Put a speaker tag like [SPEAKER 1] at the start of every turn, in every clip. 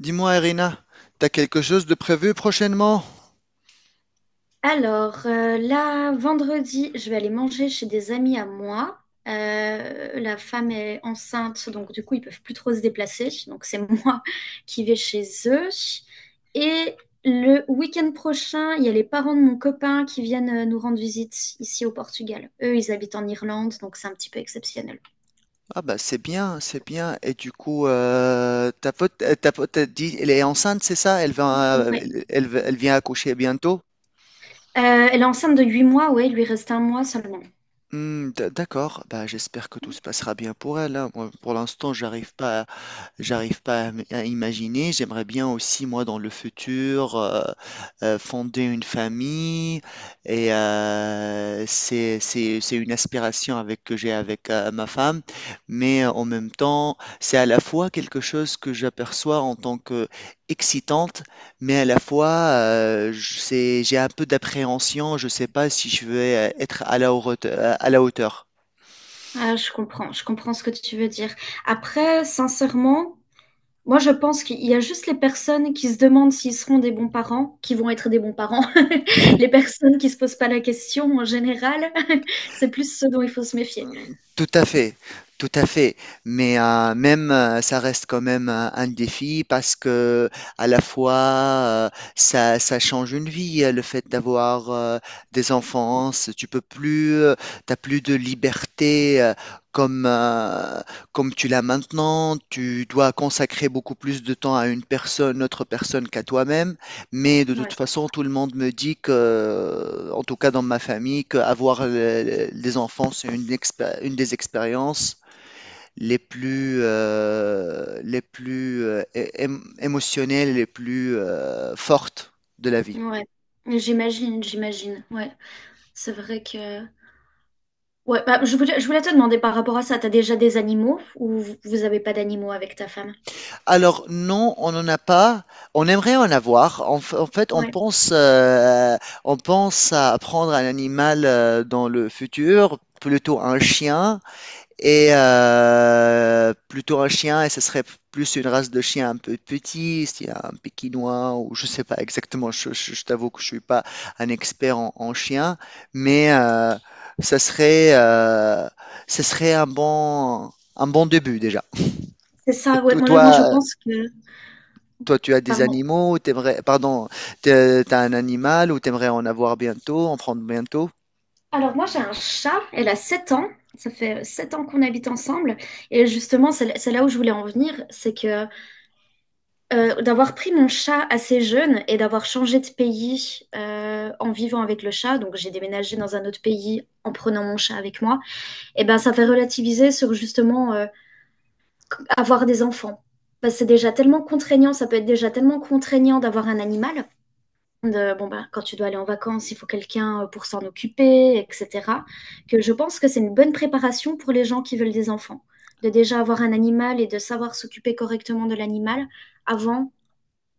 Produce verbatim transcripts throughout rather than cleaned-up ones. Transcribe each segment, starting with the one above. [SPEAKER 1] Dis-moi, Irina, t'as quelque chose de prévu prochainement?
[SPEAKER 2] Alors, euh, là, vendredi, je vais aller manger chez des amis à moi. Euh, la femme est enceinte, donc du coup, ils peuvent plus trop se déplacer. Donc, c'est moi qui vais chez eux. Et le week-end prochain, il y a les parents de mon copain qui viennent euh, nous rendre visite ici au Portugal. Eux, ils habitent en Irlande, donc c'est un petit peu exceptionnel.
[SPEAKER 1] Ah bah c'est bien, c'est bien. Et du coup, euh, ta pote, euh, ta pote, t'as dit, elle est enceinte, c'est ça? Elle va, euh,
[SPEAKER 2] Ouais.
[SPEAKER 1] elle, elle elle vient accoucher bientôt?
[SPEAKER 2] Euh, elle est enceinte de huit mois, ouais, il lui reste un mois seulement.
[SPEAKER 1] Hmm, d- d'accord. Bah j'espère que tout se passera bien pour elle, hein. Moi, pour l'instant, j'arrive pas j'arrive pas à, m- à imaginer. J'aimerais bien aussi, moi, dans le futur, euh, euh, fonder une famille. Et euh, c'est, c'est, c'est une aspiration avec, que j'ai avec euh, ma femme. Mais euh, en même temps, c'est à la fois quelque chose que j'aperçois en tant que excitante, mais à la fois, euh, je- c'est, j'ai un peu d'appréhension. Je sais pas si je vais euh, être à la haute- à la hauteur.
[SPEAKER 2] Ah, je comprends, je comprends ce que tu veux dire. Après, sincèrement, moi, je pense qu'il y a juste les personnes qui se demandent s'ils seront des bons parents, qui vont être des bons parents. Les personnes qui se posent pas la question en général, c'est plus ce dont il faut se méfier.
[SPEAKER 1] Tout à fait, tout à fait. Mais euh, même, euh, ça reste quand même un, un défi parce que à la fois, euh, ça, ça change une vie, euh, le fait d'avoir euh, des enfants. c'est- Tu peux plus, euh, t'as plus de liberté euh, comme euh, comme tu l'as maintenant. Tu dois consacrer beaucoup plus de temps à une personne, autre personne qu'à toi-même. Mais de toute
[SPEAKER 2] Ouais,
[SPEAKER 1] façon, tout le monde me dit que, en tout cas dans ma famille, qu'avoir des enfants, c'est une, expé- une des expériences les plus, euh, les plus euh, é- ém- émotionnelles, les plus euh, fortes de la vie.
[SPEAKER 2] ouais. J'imagine, j'imagine. Ouais, c'est vrai que. Ouais, bah, je voulais, je voulais te demander par rapport à ça, t'as déjà des animaux ou vous vous avez pas d'animaux avec ta femme?
[SPEAKER 1] Alors non, on n'en a pas. On aimerait en avoir. En, f- en fait, on
[SPEAKER 2] Ouais,
[SPEAKER 1] pense, euh, on pense à prendre un animal euh, dans le futur, plutôt un chien. Et euh, plutôt un chien, et ce serait plus une race de chien un peu petit, s'il y a un pékinois, ou je sais pas exactement, je, je- je t'avoue que je suis pas un expert en, en chien, mais euh, ça serait, euh, ce serait un bon, un bon début déjà.
[SPEAKER 2] c'est ça. Ouais,
[SPEAKER 1] To-
[SPEAKER 2] moi, je,
[SPEAKER 1] Toi,
[SPEAKER 2] moi, je pense que.
[SPEAKER 1] toi, tu as des
[SPEAKER 2] Pardon.
[SPEAKER 1] animaux, t'aimerais, pardon, t'es- t'as un animal ou t'aimerais en avoir bientôt, en prendre bientôt?
[SPEAKER 2] Alors moi j'ai un chat, elle a sept ans, ça fait sept ans qu'on habite ensemble et justement c'est c'est là où je voulais en venir, c'est que euh, d'avoir pris mon chat assez jeune et d'avoir changé de pays euh, en vivant avec le chat, donc j'ai déménagé dans un autre pays en prenant mon chat avec moi, et ben ça fait relativiser sur justement euh, avoir des enfants. Parce que c'est déjà tellement contraignant, ça peut être déjà tellement contraignant d'avoir un animal. De, bon ben, quand tu dois aller en vacances, il faut quelqu'un euh, pour s'en occuper, et cetera. Que je pense que c'est une bonne préparation pour les gens qui veulent des enfants, de déjà avoir un animal et de savoir s'occuper correctement de l'animal avant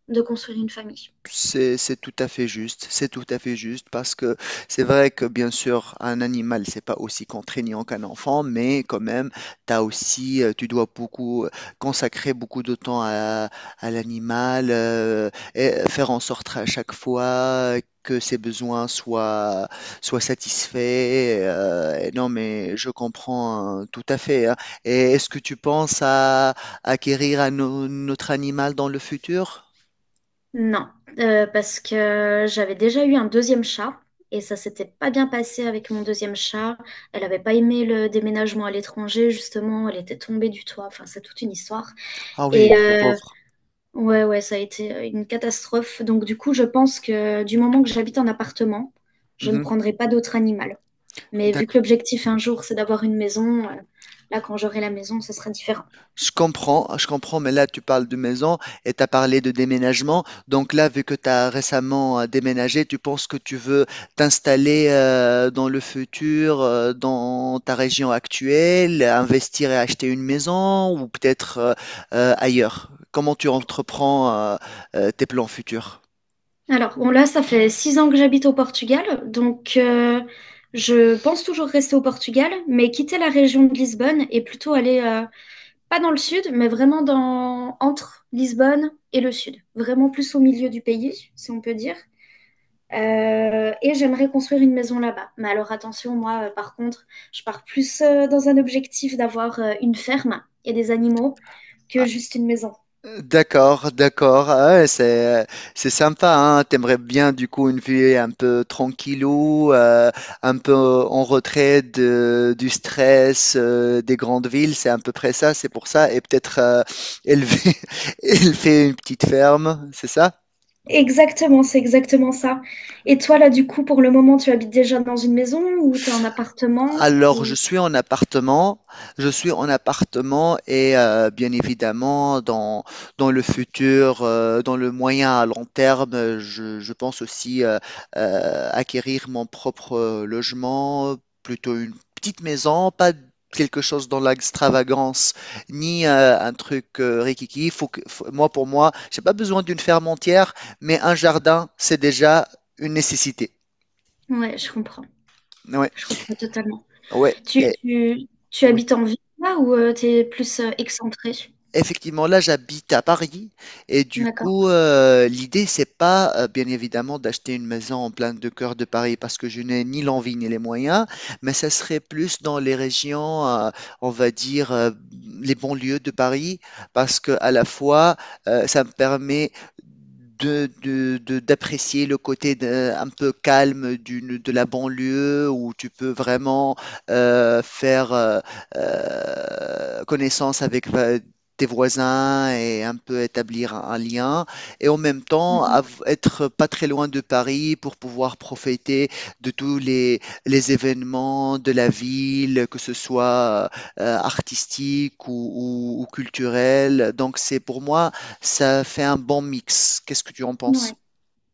[SPEAKER 2] de construire une famille.
[SPEAKER 1] C'est, c'est tout à fait juste, c'est tout à fait juste parce que c'est vrai que bien sûr un animal c'est pas aussi contraignant qu'un enfant mais quand même t'as aussi euh, tu dois beaucoup euh, consacrer beaucoup de temps à, à l'animal euh, et faire en sorte à chaque fois que ses besoins soient soient satisfaits euh, et non mais je comprends euh, tout à fait, hein. Et est-ce que tu penses à acquérir un au- autre animal dans le futur?
[SPEAKER 2] Non, euh, parce que j'avais déjà eu un deuxième chat et ça s'était pas bien passé avec mon deuxième chat. Elle avait pas aimé le déménagement à l'étranger, justement. Elle était tombée du toit. Enfin, c'est toute une histoire.
[SPEAKER 1] Ah oui,
[SPEAKER 2] Et
[SPEAKER 1] la
[SPEAKER 2] euh,
[SPEAKER 1] pauvre.
[SPEAKER 2] ouais, ouais, ça a été une catastrophe. Donc, du coup, je pense que du moment que j'habite en appartement, je ne
[SPEAKER 1] Mhm.
[SPEAKER 2] prendrai pas d'autre animal. Mais vu que
[SPEAKER 1] D'ac-
[SPEAKER 2] l'objectif un jour, c'est d'avoir une maison, euh, là, quand j'aurai la maison, ce sera différent.
[SPEAKER 1] Je comprends, je comprends, mais là tu parles de maison et tu as parlé de déménagement. Donc là, vu que tu as récemment euh, déménagé, tu penses que tu veux t'installer euh, dans le futur, euh, dans ta région actuelle, investir et acheter une maison ou peut-être euh, euh, ailleurs. Comment tu entreprends euh, euh, tes plans futurs?
[SPEAKER 2] Alors, bon, là, ça fait six ans que j'habite au Portugal, donc euh, je pense toujours rester au Portugal, mais quitter la région de Lisbonne et plutôt aller, euh, pas dans le sud, mais vraiment dans, entre Lisbonne et le sud, vraiment plus au milieu du pays, si on peut dire. Euh, et j'aimerais construire une maison là-bas. Mais alors attention, moi, euh, par contre, je pars plus euh, dans un objectif d'avoir euh, une ferme et des animaux que juste une maison.
[SPEAKER 1] D'accord, d'accord. Ah ouais, c'est c'est sympa, hein. T'aimerais bien du coup une vie un peu tranquillou, euh, un peu en retrait de, du stress euh, des grandes villes. C'est à peu près ça. C'est pour ça. Et peut-être euh, élever élever une petite ferme. C'est ça?
[SPEAKER 2] Exactement, c'est exactement ça. Et toi, là, du coup, pour le moment, tu habites déjà dans une maison ou tu es en appartement
[SPEAKER 1] Alors, je
[SPEAKER 2] ou...
[SPEAKER 1] suis en appartement, je suis en appartement et euh, bien évidemment, dans, dans le futur, euh, dans le moyen à long terme, euh, je, je pense aussi euh, euh, acquérir mon propre euh, logement, plutôt une petite maison, pas quelque chose dans l'extravagance, ni euh, un truc euh, riquiqui. Faut que, faut- moi, pour moi, j'ai pas besoin d'une ferme entière, mais un jardin, c'est déjà une nécessité.
[SPEAKER 2] Ouais, je comprends.
[SPEAKER 1] Ouais,
[SPEAKER 2] Je comprends totalement.
[SPEAKER 1] ouais,
[SPEAKER 2] Tu,
[SPEAKER 1] et-
[SPEAKER 2] tu, tu
[SPEAKER 1] oui.
[SPEAKER 2] habites en ville là ou euh, t'es tu es plus euh, excentré?
[SPEAKER 1] Effectivement, là, j'habite à Paris et du
[SPEAKER 2] D'accord.
[SPEAKER 1] coup, euh, l'idée, c'est pas euh, bien évidemment d'acheter une maison en plein de cœur de Paris parce que je n'ai ni l'envie ni les moyens, mais ça serait plus dans les régions, euh, on va dire, euh, les banlieues de Paris parce que à la fois, euh, ça me permet de, de- de- d'apprécier le côté de- un peu calme d'une, de la banlieue où tu peux vraiment euh, faire euh, euh, connaissance avec va- tes voisins et un peu établir un un lien et en même temps av- être pas très loin de Paris pour pouvoir profiter de tous les, les événements de la ville, que ce soit euh, artistique ou, ou, ou culturel. Donc c'est pour moi, ça fait un bon mix. Qu'est-ce que tu en
[SPEAKER 2] Mhm.
[SPEAKER 1] penses?
[SPEAKER 2] Ouais,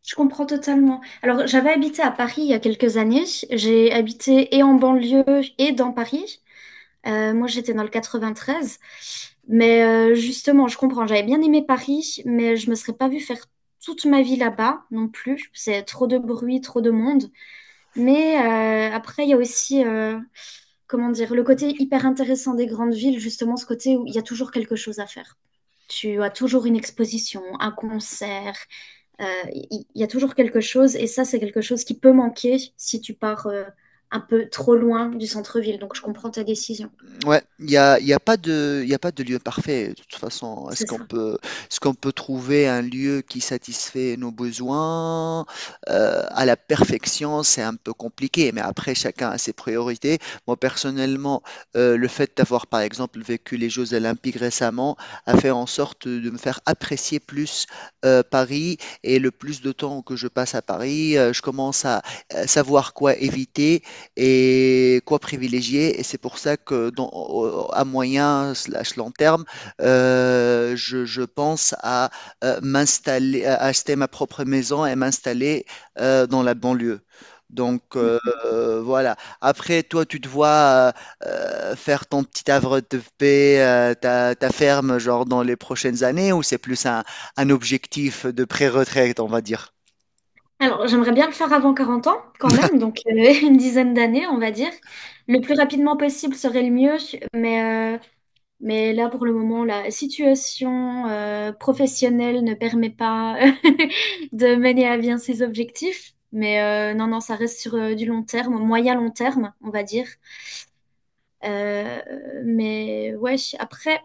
[SPEAKER 2] je comprends totalement. Alors, j'avais habité à Paris il y a quelques années. J'ai habité et en banlieue et dans Paris. Euh, moi, j'étais dans le quatre-vingt-treize. Mais euh, justement, je comprends. J'avais bien aimé Paris, mais je me serais pas vue faire toute ma vie là-bas non plus. C'est trop de bruit, trop de monde. Mais euh, après, il y a aussi, euh, comment dire, le côté hyper intéressant des grandes villes, justement, ce côté où il y a toujours quelque chose à faire. Tu as toujours une exposition, un concert. euh, Il il y, a toujours quelque chose, et ça, c'est quelque chose qui peut manquer si tu pars euh, un peu trop loin du centre-ville. Donc, je comprends ta décision.
[SPEAKER 1] Ouais, il n'y a, il y a pas de, il y a pas de lieu parfait. De toute façon,
[SPEAKER 2] C'est
[SPEAKER 1] est-ce qu'on
[SPEAKER 2] ça.
[SPEAKER 1] peut, est-ce qu'on peut trouver un lieu qui satisfait nos besoins euh, à la perfection? C'est un peu compliqué, mais après, chacun a ses priorités. Moi, personnellement, euh, le fait d'avoir, par exemple, vécu les Jeux Olympiques récemment a fait en sorte de me faire apprécier plus euh, Paris et le plus de temps que je passe à Paris, euh, je commence à euh, savoir quoi éviter et quoi privilégier. Et c'est pour ça que dans- au- à moyen slash long terme, euh, je, je pense à euh, m'installer, à acheter ma propre maison et m'installer euh, dans la banlieue. Donc euh, euh, voilà. Après, toi, tu te vois euh, euh, faire ton petit havre de paix, euh, ta, ta ferme, genre dans les prochaines années, ou c'est plus un, un objectif de pré-retraite, on va dire?
[SPEAKER 2] Alors, j'aimerais bien le faire avant quarante ans, quand même, donc euh, une dizaine d'années, on va dire. Le plus rapidement possible serait le mieux, mais, euh, mais là, pour le moment, la situation euh, professionnelle ne permet pas de mener à bien ses objectifs. Mais euh, non, non, ça reste sur euh, du long terme, moyen-long terme, on va dire. Euh, mais ouais, après,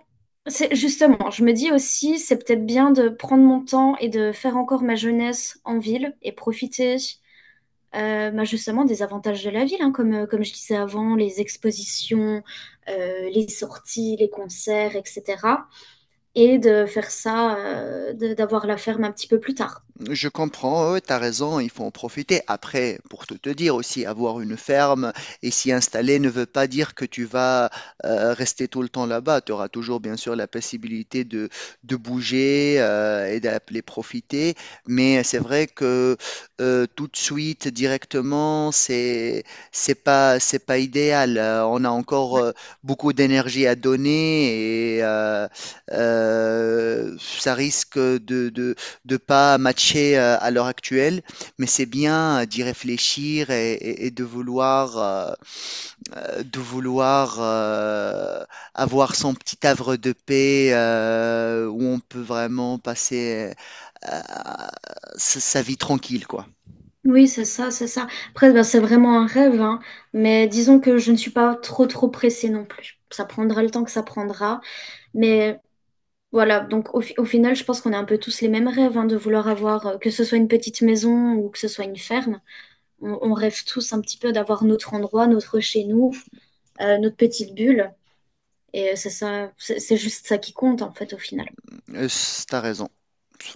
[SPEAKER 2] c'est justement, je me dis aussi, c'est peut-être bien de prendre mon temps et de faire encore ma jeunesse en ville et profiter euh, bah, justement des avantages de la ville, hein, comme, euh, comme je disais avant, les expositions, euh, les sorties, les concerts, et cetera. Et de faire ça, euh, de- d'avoir la ferme un petit peu plus tard.
[SPEAKER 1] Je comprends, ouais, tu raison, il faut en profiter. Après, pour tout te dire aussi, avoir une ferme et s'y installer ne veut pas dire que tu vas euh, rester tout le temps là-bas. Tu auras toujours, bien sûr, la possibilité de, de bouger euh, et d'appeler profiter. Mais c'est vrai que euh, tout de suite, directement, c'est, c'est pas, c'est pas idéal. Euh, on a encore euh, beaucoup d'énergie à donner et euh, euh, ça risque de, de de pas matcher euh, à l'heure actuelle, mais c'est bien euh, d'y réfléchir et, et- et de vouloir, euh, euh, de vouloir euh, avoir son petit havre de paix euh, où on peut vraiment passer euh, sa sa vie tranquille, quoi.
[SPEAKER 2] Oui, c'est ça, c'est ça. Après, bah, c'est vraiment un rêve, hein, mais disons que je ne suis pas trop, trop pressée non plus. Ça prendra le temps que ça prendra, mais voilà, donc au, fi- au final, je pense qu'on a un peu tous les mêmes rêves, hein, de vouloir avoir, euh, que ce soit une petite maison ou que ce soit une ferme. On, on rêve tous un petit peu d'avoir notre endroit, notre chez nous, euh, notre petite bulle. Et euh, c'est ça, c'est c'est juste ça qui compte en fait au final.
[SPEAKER 1] Euh, c- T'as raison.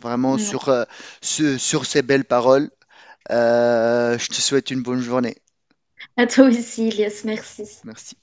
[SPEAKER 1] Vraiment
[SPEAKER 2] Ouais.
[SPEAKER 1] sur, euh, ce- sur ces belles paroles, euh, je te souhaite une bonne journée.
[SPEAKER 2] À toi aussi, Elias, merci.
[SPEAKER 1] Merci.